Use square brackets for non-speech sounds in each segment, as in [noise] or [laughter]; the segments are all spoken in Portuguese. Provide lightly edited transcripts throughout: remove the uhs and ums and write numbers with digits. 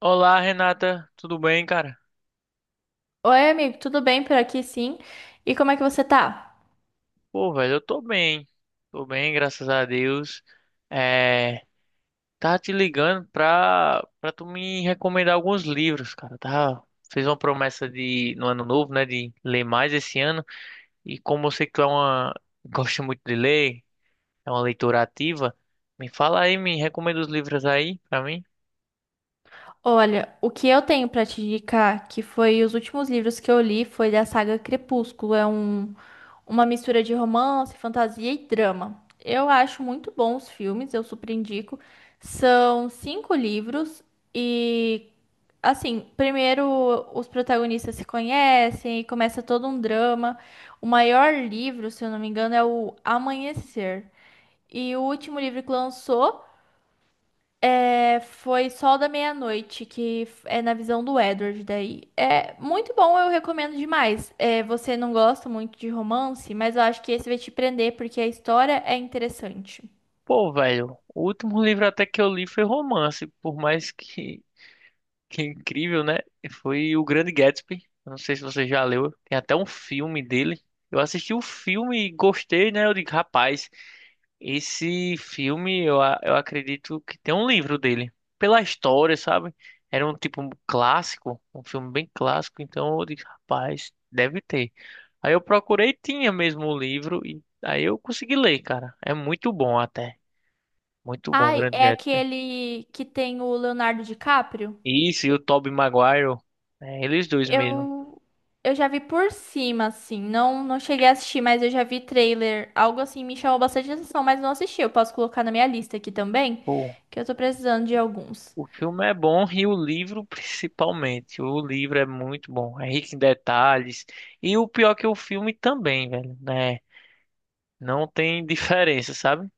Olá, Renata, tudo bem, cara? Oi, amigo, tudo bem por aqui, sim? E como é que você tá? Pô, velho, eu tô bem. Tô bem, graças a Deus. É, tá te ligando pra tu me recomendar alguns livros, cara, tá? Fez uma promessa de no ano novo, né, de ler mais esse ano. E como eu sei que tu é uma gosta muito de ler, é uma leitora ativa, me fala aí, me recomenda os livros aí pra mim. Olha, o que eu tenho pra te indicar, que foi os últimos livros que eu li, foi da saga Crepúsculo. Uma mistura de romance, fantasia e drama. Eu acho muito bons os filmes, eu super indico. São 5 livros e, assim, primeiro os protagonistas se conhecem e começa todo um drama. O maior livro, se eu não me engano, é o Amanhecer. E o último livro que lançou. É, foi Sol da Meia-Noite, é na visão do Edward daí. É muito bom, eu recomendo demais. É, você não gosta muito de romance, mas eu acho que esse vai te prender porque a história é interessante. Pô, velho, o último livro até que eu li foi romance, por mais que é incrível, né? Foi o Grande Gatsby. Eu não sei se você já leu. Tem até um filme dele. Eu assisti o filme e gostei, né? Eu digo, rapaz, esse filme eu acredito que tem um livro dele. Pela história, sabe? Era um tipo um clássico, um filme bem clássico. Então eu disse, rapaz, deve ter. Aí eu procurei, tinha mesmo o livro. E aí eu consegui ler, cara. É muito bom até. Muito bom, o Ai, Grande é Gatsby. aquele que tem o Leonardo DiCaprio? Isso, e o Tobey Maguire. É, eles dois mesmo. Eu eu já vi por cima assim, não cheguei a assistir, mas eu já vi trailer, algo assim me chamou bastante atenção, mas não assisti. Eu posso colocar na minha lista aqui também, Pô, que eu tô precisando de alguns. O filme é bom e o livro principalmente. O livro é muito bom, é rico em detalhes. E o pior que o filme também, velho, né? Não tem [laughs] diferença, sabe?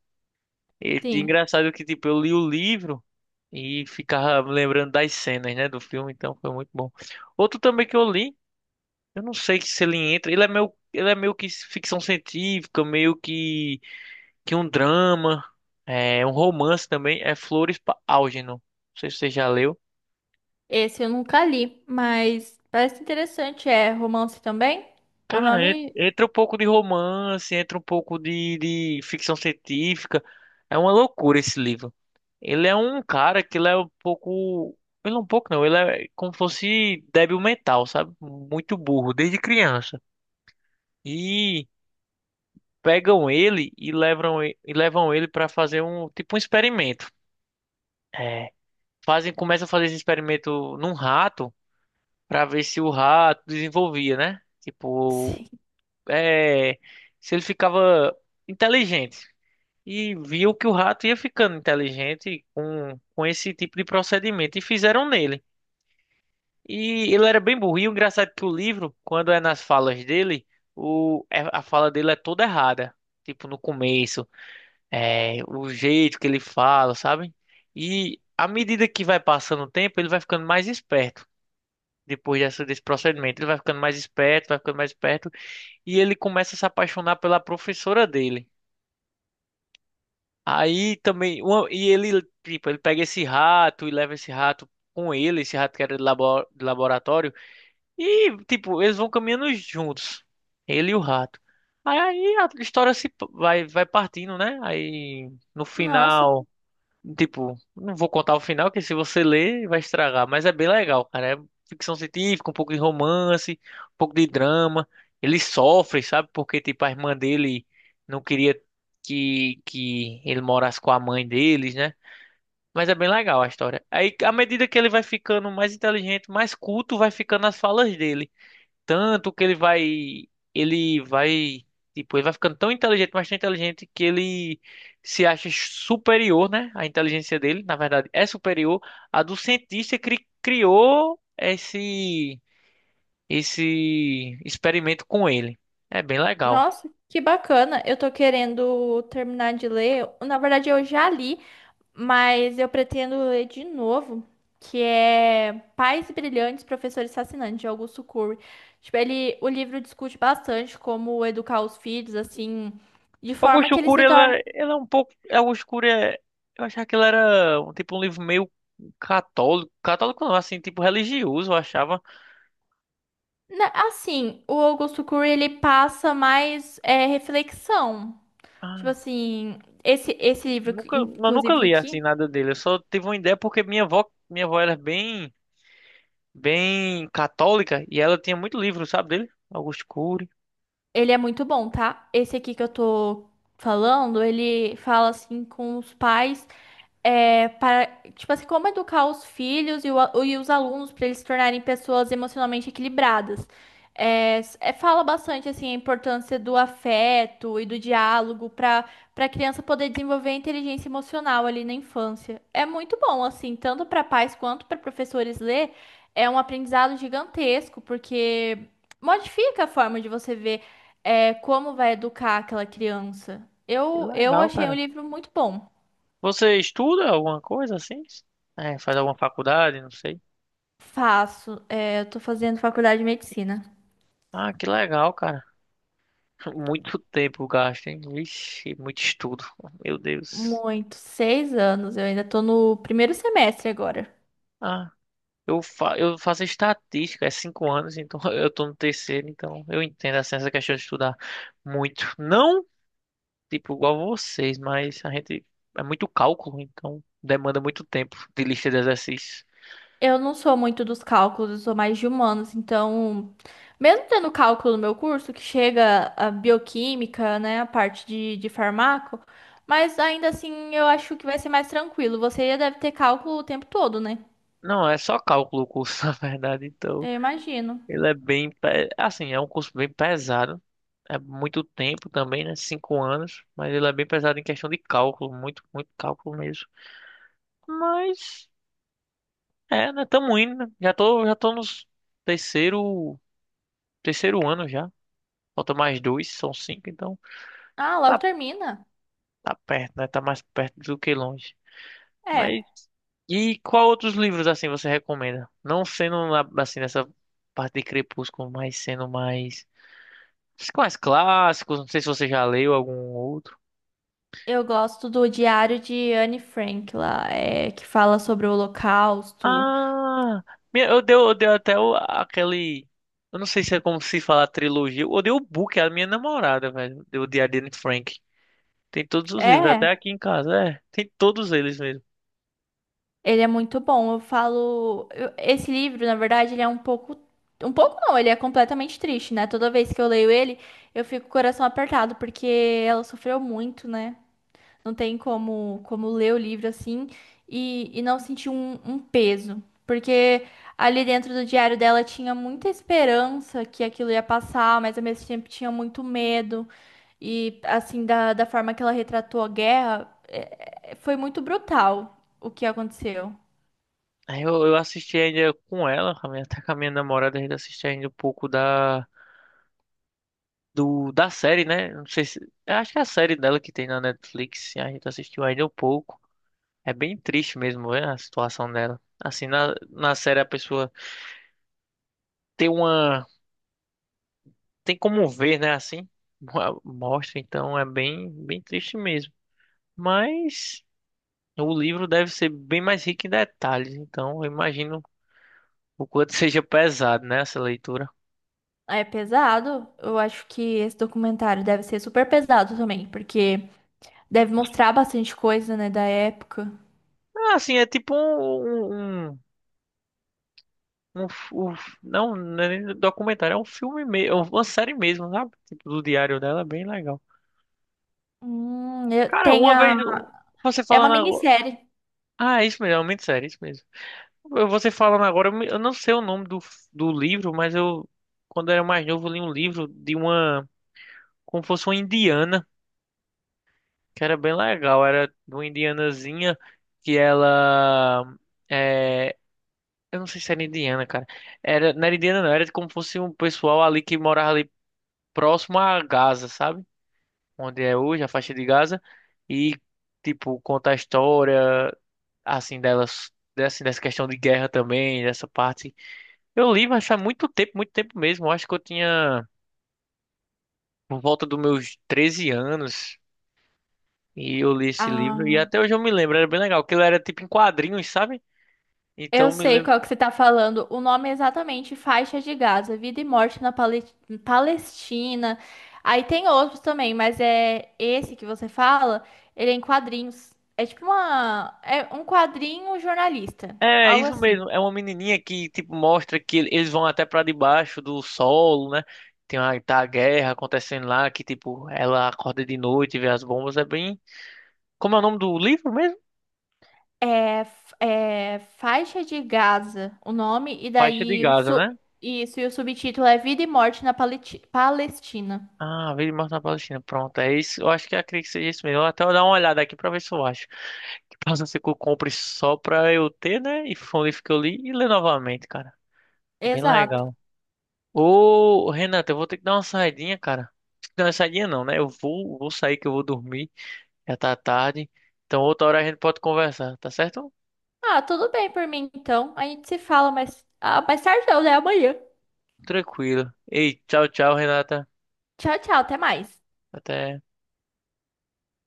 E Sim. engraçado que, tipo, eu li o livro e ficava lembrando das cenas, né, do filme, então foi muito bom. Outro também que eu li, eu não sei se ele entra, ele é meio que ficção científica, meio que um drama, é um romance também, é Flores para Algernon. Não sei se você já leu. Esse eu nunca li, mas parece interessante. É romance também? O Cara, nome. entra um pouco de romance, entra um pouco de ficção científica. É uma loucura esse livro. Ele é um cara que ele é um pouco. Ele é um pouco não, ele é como se fosse débil mental, sabe? Muito burro, desde criança. E pegam ele e levam, e levam ele para fazer um tipo um experimento. É, fazem, começam a fazer esse experimento num rato para ver se o rato desenvolvia, né? Tipo, Sim. é, se ele ficava inteligente. E viu que o rato ia ficando inteligente com esse tipo de procedimento e fizeram nele. E ele era bem burro. E o engraçado é que o livro, quando é nas falas dele, a fala dele é toda errada. Tipo, no começo, é, o jeito que ele fala, sabe? E à medida que vai passando o tempo, ele vai ficando mais esperto. Depois dessa, desse procedimento, ele vai ficando mais esperto, vai ficando mais esperto. E ele começa a se apaixonar pela professora dele. Aí também, e ele, tipo, ele pega esse rato e leva esse rato com ele, esse rato que era de de laboratório, e, tipo, eles vão caminhando juntos, ele e o rato. Aí a história se p- vai, vai partindo, né? Aí, no Nossa, final. Tipo, não vou contar o final, que se você ler vai estragar, mas é bem legal, cara. É ficção científica, um pouco de romance, um pouco de drama. Ele sofre, sabe? Porque, tipo, a irmã dele não queria que ele morasse com a mãe deles, né? Mas é bem legal a história. Aí, à medida que ele vai ficando mais inteligente, mais culto, vai ficando as falas dele tanto que ele vai, tipo, ele vai ficando tão inteligente, mas tão inteligente que ele se acha superior, né? A inteligência dele, na verdade, é superior à do cientista que criou esse experimento com ele. É bem legal. nossa, que bacana. Eu tô querendo terminar de ler. Na verdade, eu já li, mas eu pretendo ler de novo. Que é Pais Brilhantes, Professores Fascinantes, de Augusto Cury. Tipo, ele, o livro discute bastante como educar os filhos, assim, de forma Augusto que eles Cury, se tornem. ela é um pouco, Augusto Cury é, eu achava que ele era um tipo um livro meio católico, católico não, assim, tipo religioso, eu achava. Na- Assim, o Augusto Cury, ele passa mais é, reflexão. Tipo Ah, assim, esse livro, nunca, eu nunca inclusive li assim aqui, nada dele. Eu só tive uma ideia porque minha avó era bem, bem católica e ela tinha muito livro, sabe dele? Augusto Cury. ele é muito bom, tá? Esse aqui que eu tô falando, ele fala assim com os pais. É, para, tipo assim, como educar os filhos e, e os alunos para eles se tornarem pessoas emocionalmente equilibradas. É, é, fala bastante assim a importância do afeto e do diálogo para para a criança poder desenvolver a inteligência emocional ali na infância. É muito bom assim, tanto para pais quanto para professores ler, é um aprendizado gigantesco porque modifica a forma de você ver é, como vai educar aquela criança. Que Eu legal, achei o cara. livro muito bom. Você estuda alguma coisa assim? É, faz alguma faculdade, não sei. Faço. É, eu tô fazendo faculdade de medicina. Ah, que legal, cara. [laughs] Muito tempo gasto, hein? Vixe, muito estudo. Meu Deus. Muito. 6 anos. Eu ainda tô no primeiro semestre agora. Ah, eu faço estatística, é 5 anos, então [laughs] eu tô no terceiro, então eu entendo assim, essa questão de estudar muito. Não tipo, igual vocês, mas a gente é muito cálculo, então demanda muito tempo de lista de exercícios. Eu não sou muito dos cálculos, eu sou mais de humanos. Então, mesmo tendo cálculo no meu curso, que chega a bioquímica, né, a parte de farmaco, mas ainda assim eu acho que vai ser mais tranquilo. Você deve ter cálculo o tempo todo, né? Não, é só cálculo o curso, [laughs] na verdade, então Eu imagino. ele é bem, assim, é um curso bem pesado. É muito tempo também, né? 5 anos, mas ele é bem pesado em questão de cálculo, muito, muito cálculo mesmo. Mas, é, né? Tamo indo, né? Já tô nos terceiro, terceiro ano já. Falta mais dois, são 5, então Ah, logo tá, termina. tá perto, né? Tá mais perto do que longe. Mas É. e qual outros livros assim você recomenda? Não sendo assim nessa parte de Crepúsculo, mas sendo mais clássicos. Não sei se você já leu algum outro. Eu gosto do Diário de Anne Frank lá, é, que fala sobre o Holocausto. Ah, eu dei até aquele. Eu não sei se é como se fala trilogia. Eu dei o book à minha namorada, velho. Deu o de Anne Frank. Tem todos os livros, É, até aqui em casa. É, tem todos eles mesmo. ele é muito bom. Eu falo, esse livro, na verdade, ele é um pouco não, ele é completamente triste, né? Toda vez que eu leio ele, eu fico com o coração apertado porque ela sofreu muito, né? Não tem como, como ler o livro assim e não sentir um, um peso. Porque ali dentro do diário dela tinha muita esperança que aquilo ia passar, mas ao mesmo tempo tinha muito medo. E assim, da, da forma que ela retratou a guerra, foi muito brutal o que aconteceu. Eu assisti ainda com ela, com a até com a minha namorada, a gente assistiu ainda um pouco da. Do da série, né? Não sei se, eu acho que é a série dela que tem na Netflix, a gente assistiu ainda um pouco. É bem triste mesmo, né, a situação dela. Assim, na série a pessoa tem uma tem como ver, né, assim, [laughs] mostra, então é bem bem triste mesmo. Mas o livro deve ser bem mais rico em detalhes, então eu imagino o quanto [laughs] seja pesado, né, essa leitura. É pesado. Eu acho que esse documentário deve ser super pesado também, porque deve mostrar bastante coisa, né, da época. Ah, assim, é tipo um não, não é nem um documentário, é um filme mesmo, uma série mesmo, sabe? Tipo, do diário dela, é bem legal. Cara, Tem a... você É uma falando agora. minissérie. Ah, é isso mesmo, é muito sério, isso mesmo. Você falando agora, eu não sei o nome do, do livro, mas eu, quando eu era mais novo, eu li um livro de uma, como fosse uma indiana, que era bem legal. Era de uma indianazinha que ela. É, eu não sei se era indiana, cara. Era, não era indiana, não, era como fosse um pessoal ali que morava ali. Próximo a Gaza, sabe? Onde é hoje a faixa de Gaza e tipo conta a história assim delas, assim dessa questão de guerra também, dessa parte. Eu li, mas faz muito tempo mesmo. Eu acho que eu tinha por volta dos meus 13 anos e eu li esse livro e Ah, até hoje eu me lembro, era bem legal, porque ele era tipo em quadrinhos, sabe? eu Então me sei lembro. qual que você tá falando. O nome é exatamente Faixa de Gaza, Vida e Morte na Palestina. Aí tem outros também, mas é esse que você fala, ele é em quadrinhos. É tipo uma, é um quadrinho jornalista, É, algo isso assim. mesmo. É uma menininha que, tipo, mostra que eles vão até pra debaixo do solo, né? Tem uma, tá a guerra acontecendo lá, que, tipo, ela acorda de noite e vê as bombas. É bem... Como é o nome do livro mesmo? É, é Faixa de Gaza, o nome, e Faixa de daí Gaza, né? isso, e o subtítulo é Vida e Morte na Palestina. Ah, Vida e Morte na Palestina. Pronto, é isso. Eu acho que acredito que seja isso mesmo. Eu até vou dar uma olhada aqui pra ver se eu acho. Que possa ser que eu compre só pra eu ter, né? E foi um livro que eu li e ler novamente, cara. Bem Exato. legal. Ô, Renata, eu vou ter que dar uma saidinha, cara. Não, saidinha não, né? Vou sair que eu vou dormir. Já tá tarde. Então outra hora a gente pode conversar, tá certo? Ah, tudo bem por mim então. A gente se fala mais, ah, mais tarde, não, né? Amanhã. Tranquilo. Ei, tchau, tchau, Renata. Tchau, tchau, até mais. Até.